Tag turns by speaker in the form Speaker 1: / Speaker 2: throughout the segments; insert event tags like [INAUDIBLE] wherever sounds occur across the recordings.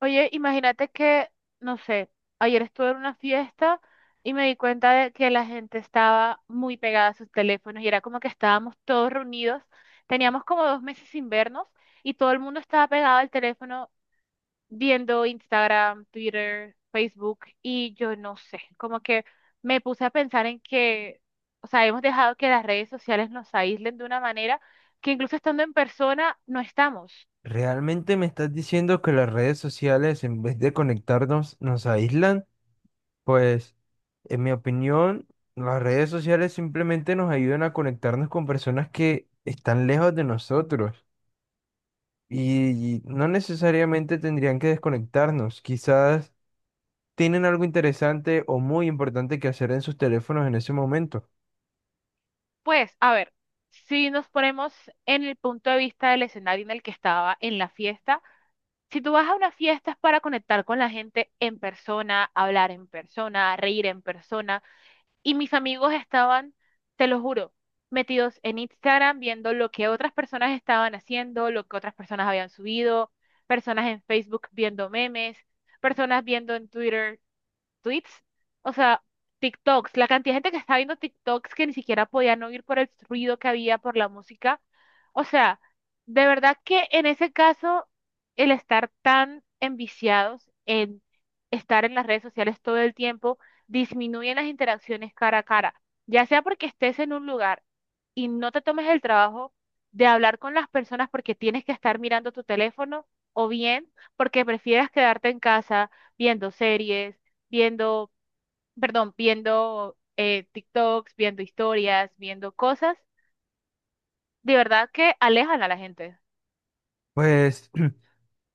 Speaker 1: Oye, imagínate que, no sé, ayer estuve en una fiesta y me di cuenta de que la gente estaba muy pegada a sus teléfonos y era como que estábamos todos reunidos, teníamos como 2 meses sin vernos y todo el mundo estaba pegado al teléfono viendo Instagram, Twitter, Facebook y yo no sé, como que me puse a pensar en que, o sea, hemos dejado que las redes sociales nos aíslen de una manera que incluso estando en persona no estamos.
Speaker 2: ¿Realmente me estás diciendo que las redes sociales, en vez de conectarnos, nos aíslan? Pues, en mi opinión, las redes sociales simplemente nos ayudan a conectarnos con personas que están lejos de nosotros y no necesariamente tendrían que desconectarnos. Quizás tienen algo interesante o muy importante que hacer en sus teléfonos en ese momento.
Speaker 1: Pues, a ver, si nos ponemos en el punto de vista del escenario en el que estaba en la fiesta, si tú vas a una fiesta es para conectar con la gente en persona, hablar en persona, reír en persona, y mis amigos estaban, te lo juro, metidos en Instagram viendo lo que otras personas estaban haciendo, lo que otras personas habían subido, personas en Facebook viendo memes, personas viendo en Twitter tweets, o sea, TikToks, la cantidad de gente que estaba viendo TikToks que ni siquiera podían oír por el ruido que había por la música. O sea, de verdad que en ese caso, el estar tan enviciados en estar en las redes sociales todo el tiempo disminuye las interacciones cara a cara, ya sea porque estés en un lugar y no te tomes el trabajo de hablar con las personas porque tienes que estar mirando tu teléfono o bien porque prefieras quedarte en casa viendo series viendo, perdón, viendo TikToks, viendo historias, viendo cosas, de verdad que alejan a la gente.
Speaker 2: Pues,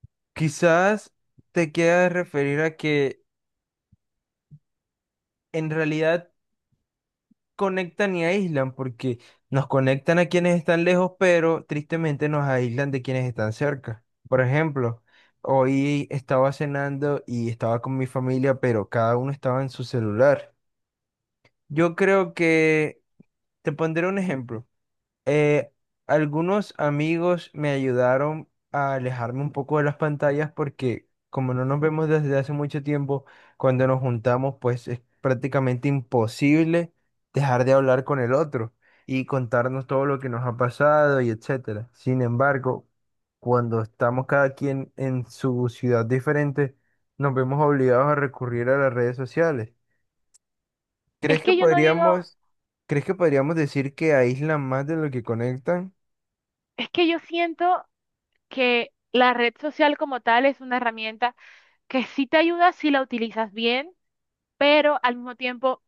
Speaker 2: [CLEARS THROAT] quizás te quieras referir a que en realidad conectan y aíslan, porque nos conectan a quienes están lejos, pero tristemente nos aíslan de quienes están cerca. Por ejemplo, hoy estaba cenando y estaba con mi familia, pero cada uno estaba en su celular. Yo creo que, te pondré un ejemplo. Eh, Algunos amigos me ayudaron a alejarme un poco de las pantallas porque como no nos vemos desde hace mucho tiempo, cuando nos juntamos, pues es prácticamente imposible dejar de hablar con el otro y contarnos todo lo que nos ha pasado y etcétera. Sin embargo, cuando estamos cada quien en su ciudad diferente, nos vemos obligados a recurrir a las redes sociales.
Speaker 1: Es
Speaker 2: ¿Crees que
Speaker 1: que yo no digo,
Speaker 2: podríamos, Crees que podríamos decir que aíslan más de lo que conectan?
Speaker 1: es que yo siento que la red social como tal es una herramienta que sí te ayuda si la utilizas bien pero al mismo tiempo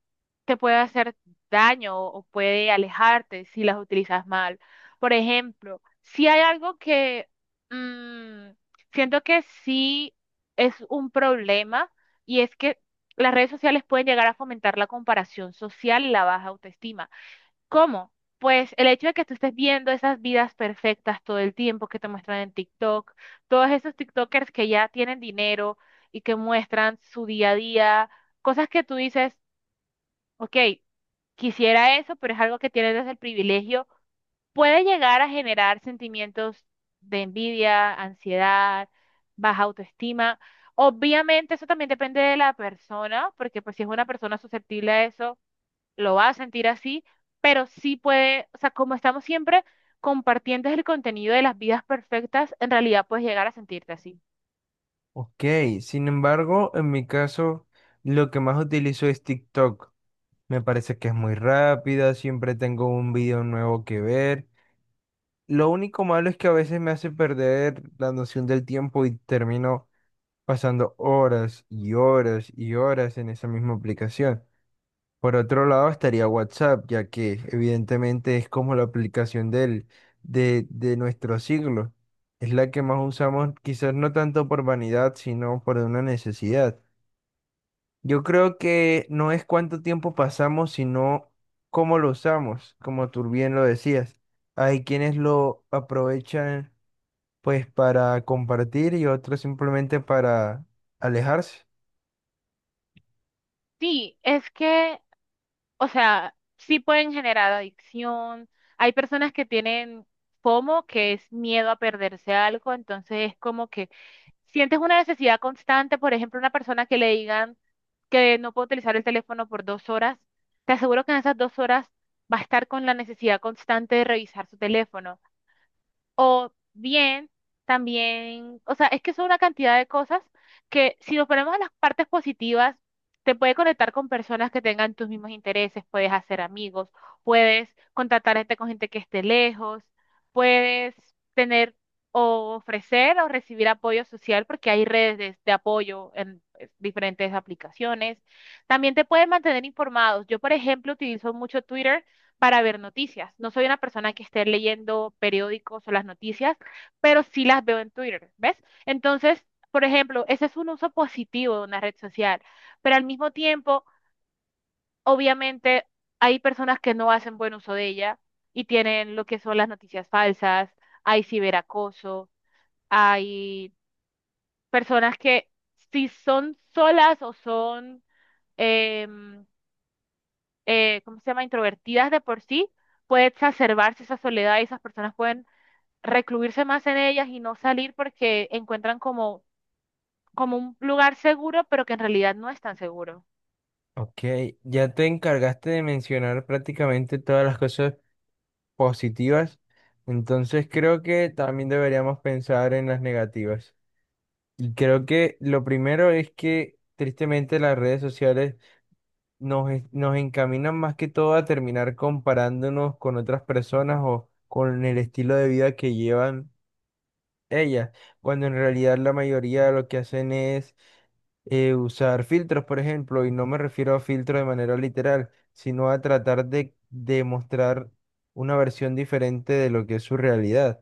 Speaker 1: te puede hacer daño o puede alejarte si las utilizas mal. Por ejemplo, si hay algo que mm, siento que sí es un problema y es que las redes sociales pueden llegar a fomentar la comparación social y la baja autoestima. ¿Cómo? Pues el hecho de que tú estés viendo esas vidas perfectas todo el tiempo que te muestran en TikTok, todos esos TikTokers que ya tienen dinero y que muestran su día a día, cosas que tú dices, ok, quisiera eso, pero es algo que tienes desde el privilegio, puede llegar a generar sentimientos de envidia, ansiedad, baja autoestima. Obviamente eso también depende de la persona, porque pues si es una persona susceptible a eso lo va a sentir así, pero sí puede, o sea, como estamos siempre compartiendo el contenido de las vidas perfectas, en realidad puedes llegar a sentirte así.
Speaker 2: Ok, sin embargo, en mi caso, lo que más utilizo es TikTok. Me parece que es muy rápida, siempre tengo un video nuevo que ver. Lo único malo es que a veces me hace perder la noción del tiempo y termino pasando horas y horas y horas en esa misma aplicación. Por otro lado, estaría WhatsApp, ya que evidentemente es como la aplicación de nuestro siglo. Es la que más usamos, quizás no tanto por vanidad, sino por una necesidad. Yo creo que no es cuánto tiempo pasamos, sino cómo lo usamos, como tú bien lo decías. Hay quienes lo aprovechan pues para compartir y otros simplemente para alejarse.
Speaker 1: Sí, es que, o sea, sí pueden generar adicción. Hay personas que tienen FOMO, que es miedo a perderse algo, entonces es como que sientes una necesidad constante, por ejemplo, una persona que le digan que no puede utilizar el teléfono por 2 horas, te aseguro que en esas 2 horas va a estar con la necesidad constante de revisar su teléfono. O bien, también, o sea, es que son una cantidad de cosas que si nos ponemos a las partes positivas, te puede conectar con personas que tengan tus mismos intereses, puedes hacer amigos, puedes contactarte con gente que esté lejos, puedes tener o ofrecer o recibir apoyo social porque hay redes de apoyo en diferentes aplicaciones. También te pueden mantener informados. Yo, por ejemplo, utilizo mucho Twitter para ver noticias. No soy una persona que esté leyendo periódicos o las noticias, pero sí las veo en Twitter, ¿ves? Entonces, por ejemplo, ese es un uso positivo de una red social, pero al mismo tiempo, obviamente, hay personas que no hacen buen uso de ella y tienen lo que son las noticias falsas, hay ciberacoso, hay personas que si son solas o son, em, ¿cómo se llama?, introvertidas de por sí, puede exacerbarse esa soledad y esas personas pueden recluirse más en ellas y no salir porque encuentran como, como un lugar seguro, pero que en realidad no es tan seguro.
Speaker 2: Ok, ya te encargaste de mencionar prácticamente todas las cosas positivas, entonces creo que también deberíamos pensar en las negativas. Y creo que lo primero es que tristemente las redes sociales nos encaminan más que todo a terminar comparándonos con otras personas o con el estilo de vida que llevan ellas, cuando en realidad la mayoría lo que hacen es usar filtros, por ejemplo, y no me refiero a filtros de manera literal, sino a tratar de demostrar una versión diferente de lo que es su realidad.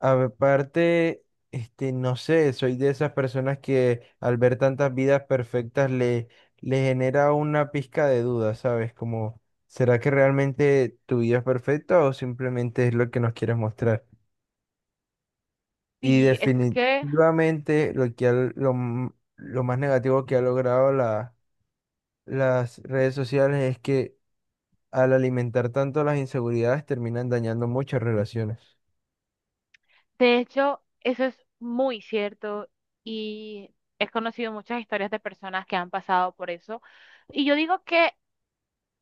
Speaker 2: Aparte, este, no sé, soy de esas personas que al ver tantas vidas perfectas le genera una pizca de duda, ¿sabes? Como, ¿será que realmente tu vida es perfecta o simplemente es lo que nos quieres mostrar? Y
Speaker 1: Y es que,
Speaker 2: definitivamente lo más negativo que ha logrado la- las redes sociales es que al alimentar tanto las inseguridades terminan dañando muchas relaciones.
Speaker 1: de hecho, eso es muy cierto y he conocido muchas historias de personas que han pasado por eso. Y yo digo que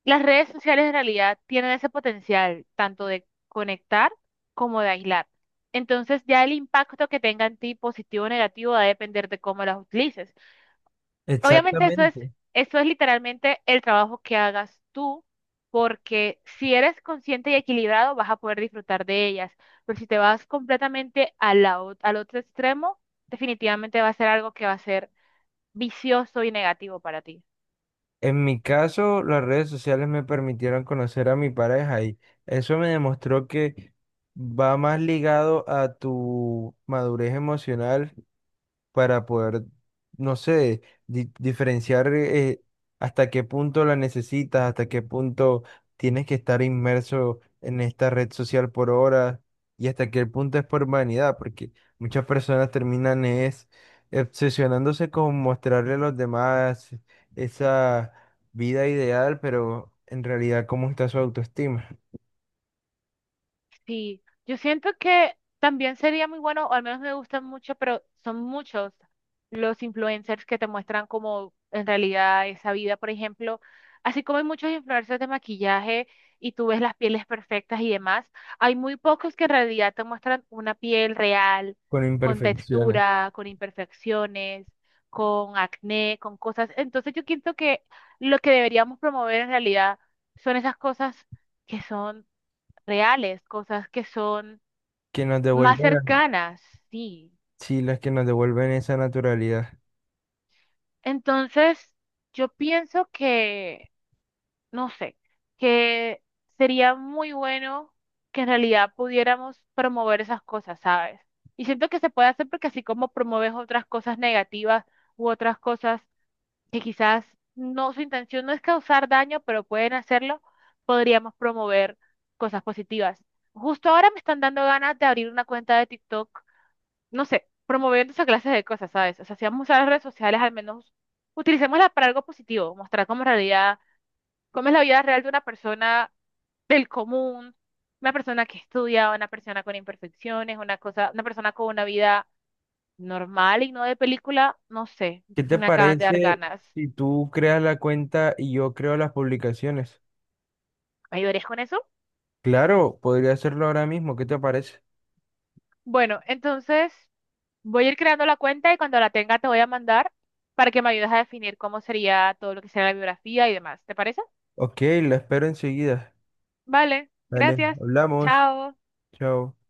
Speaker 1: las redes sociales en realidad tienen ese potencial tanto de conectar como de aislar. Entonces ya el impacto que tenga en ti, positivo o negativo, va a depender de cómo las utilices. Obviamente
Speaker 2: Exactamente.
Speaker 1: eso es literalmente el trabajo que hagas tú, porque si eres consciente y equilibrado vas a poder disfrutar de ellas, pero si te vas completamente a la al otro extremo, definitivamente va a ser algo que va a ser vicioso y negativo para ti.
Speaker 2: En mi caso, las redes sociales me permitieron conocer a mi pareja y eso me demostró que va más ligado a tu madurez emocional para poder, no sé, diferenciar hasta qué punto la necesitas, hasta qué punto tienes que estar inmerso en esta red social por horas y hasta qué punto es por vanidad, porque muchas personas terminan es obsesionándose con mostrarle a los demás esa vida ideal, pero en realidad cómo está su autoestima,
Speaker 1: Sí, yo siento que también sería muy bueno, o al menos me gustan mucho, pero son muchos los influencers que te muestran como en realidad esa vida, por ejemplo, así como hay muchos influencers de maquillaje y tú ves las pieles perfectas y demás, hay muy pocos que en realidad te muestran una piel real,
Speaker 2: con
Speaker 1: con
Speaker 2: imperfecciones
Speaker 1: textura, con imperfecciones, con acné, con cosas. Entonces yo siento que lo que deberíamos promover en realidad son esas cosas que son reales, cosas que son
Speaker 2: que nos
Speaker 1: más
Speaker 2: devuelven, la-
Speaker 1: cercanas, sí.
Speaker 2: sí, las que nos devuelven esa naturalidad.
Speaker 1: Entonces, yo pienso que, no sé, que sería muy bueno que en realidad pudiéramos promover esas cosas, ¿sabes? Y siento que se puede hacer porque así como promueves otras cosas negativas u otras cosas que quizás no, su intención no es causar daño, pero pueden hacerlo, podríamos promover cosas positivas. Justo ahora me están dando ganas de abrir una cuenta de TikTok no sé, promoviendo esa clase de cosas, ¿sabes? O sea, si vamos a usar las redes sociales, al menos utilicémoslas para algo positivo, mostrar cómo en realidad, cómo es la vida real de una persona del común, una persona que estudia, una persona con imperfecciones, una cosa, una persona con una vida normal y no de película, no sé,
Speaker 2: ¿Qué te
Speaker 1: me acaban de dar
Speaker 2: parece
Speaker 1: ganas.
Speaker 2: si tú creas la cuenta y yo creo las publicaciones?
Speaker 1: ¿Me ayudarías con eso?
Speaker 2: Claro, podría hacerlo ahora mismo. ¿Qué te parece?
Speaker 1: Bueno, entonces voy a ir creando la cuenta y cuando la tenga te voy a mandar para que me ayudes a definir cómo sería todo lo que sea la biografía y demás. ¿Te parece?
Speaker 2: Ok, la espero enseguida.
Speaker 1: Vale,
Speaker 2: Dale,
Speaker 1: gracias.
Speaker 2: hablamos.
Speaker 1: Chao.
Speaker 2: Chao.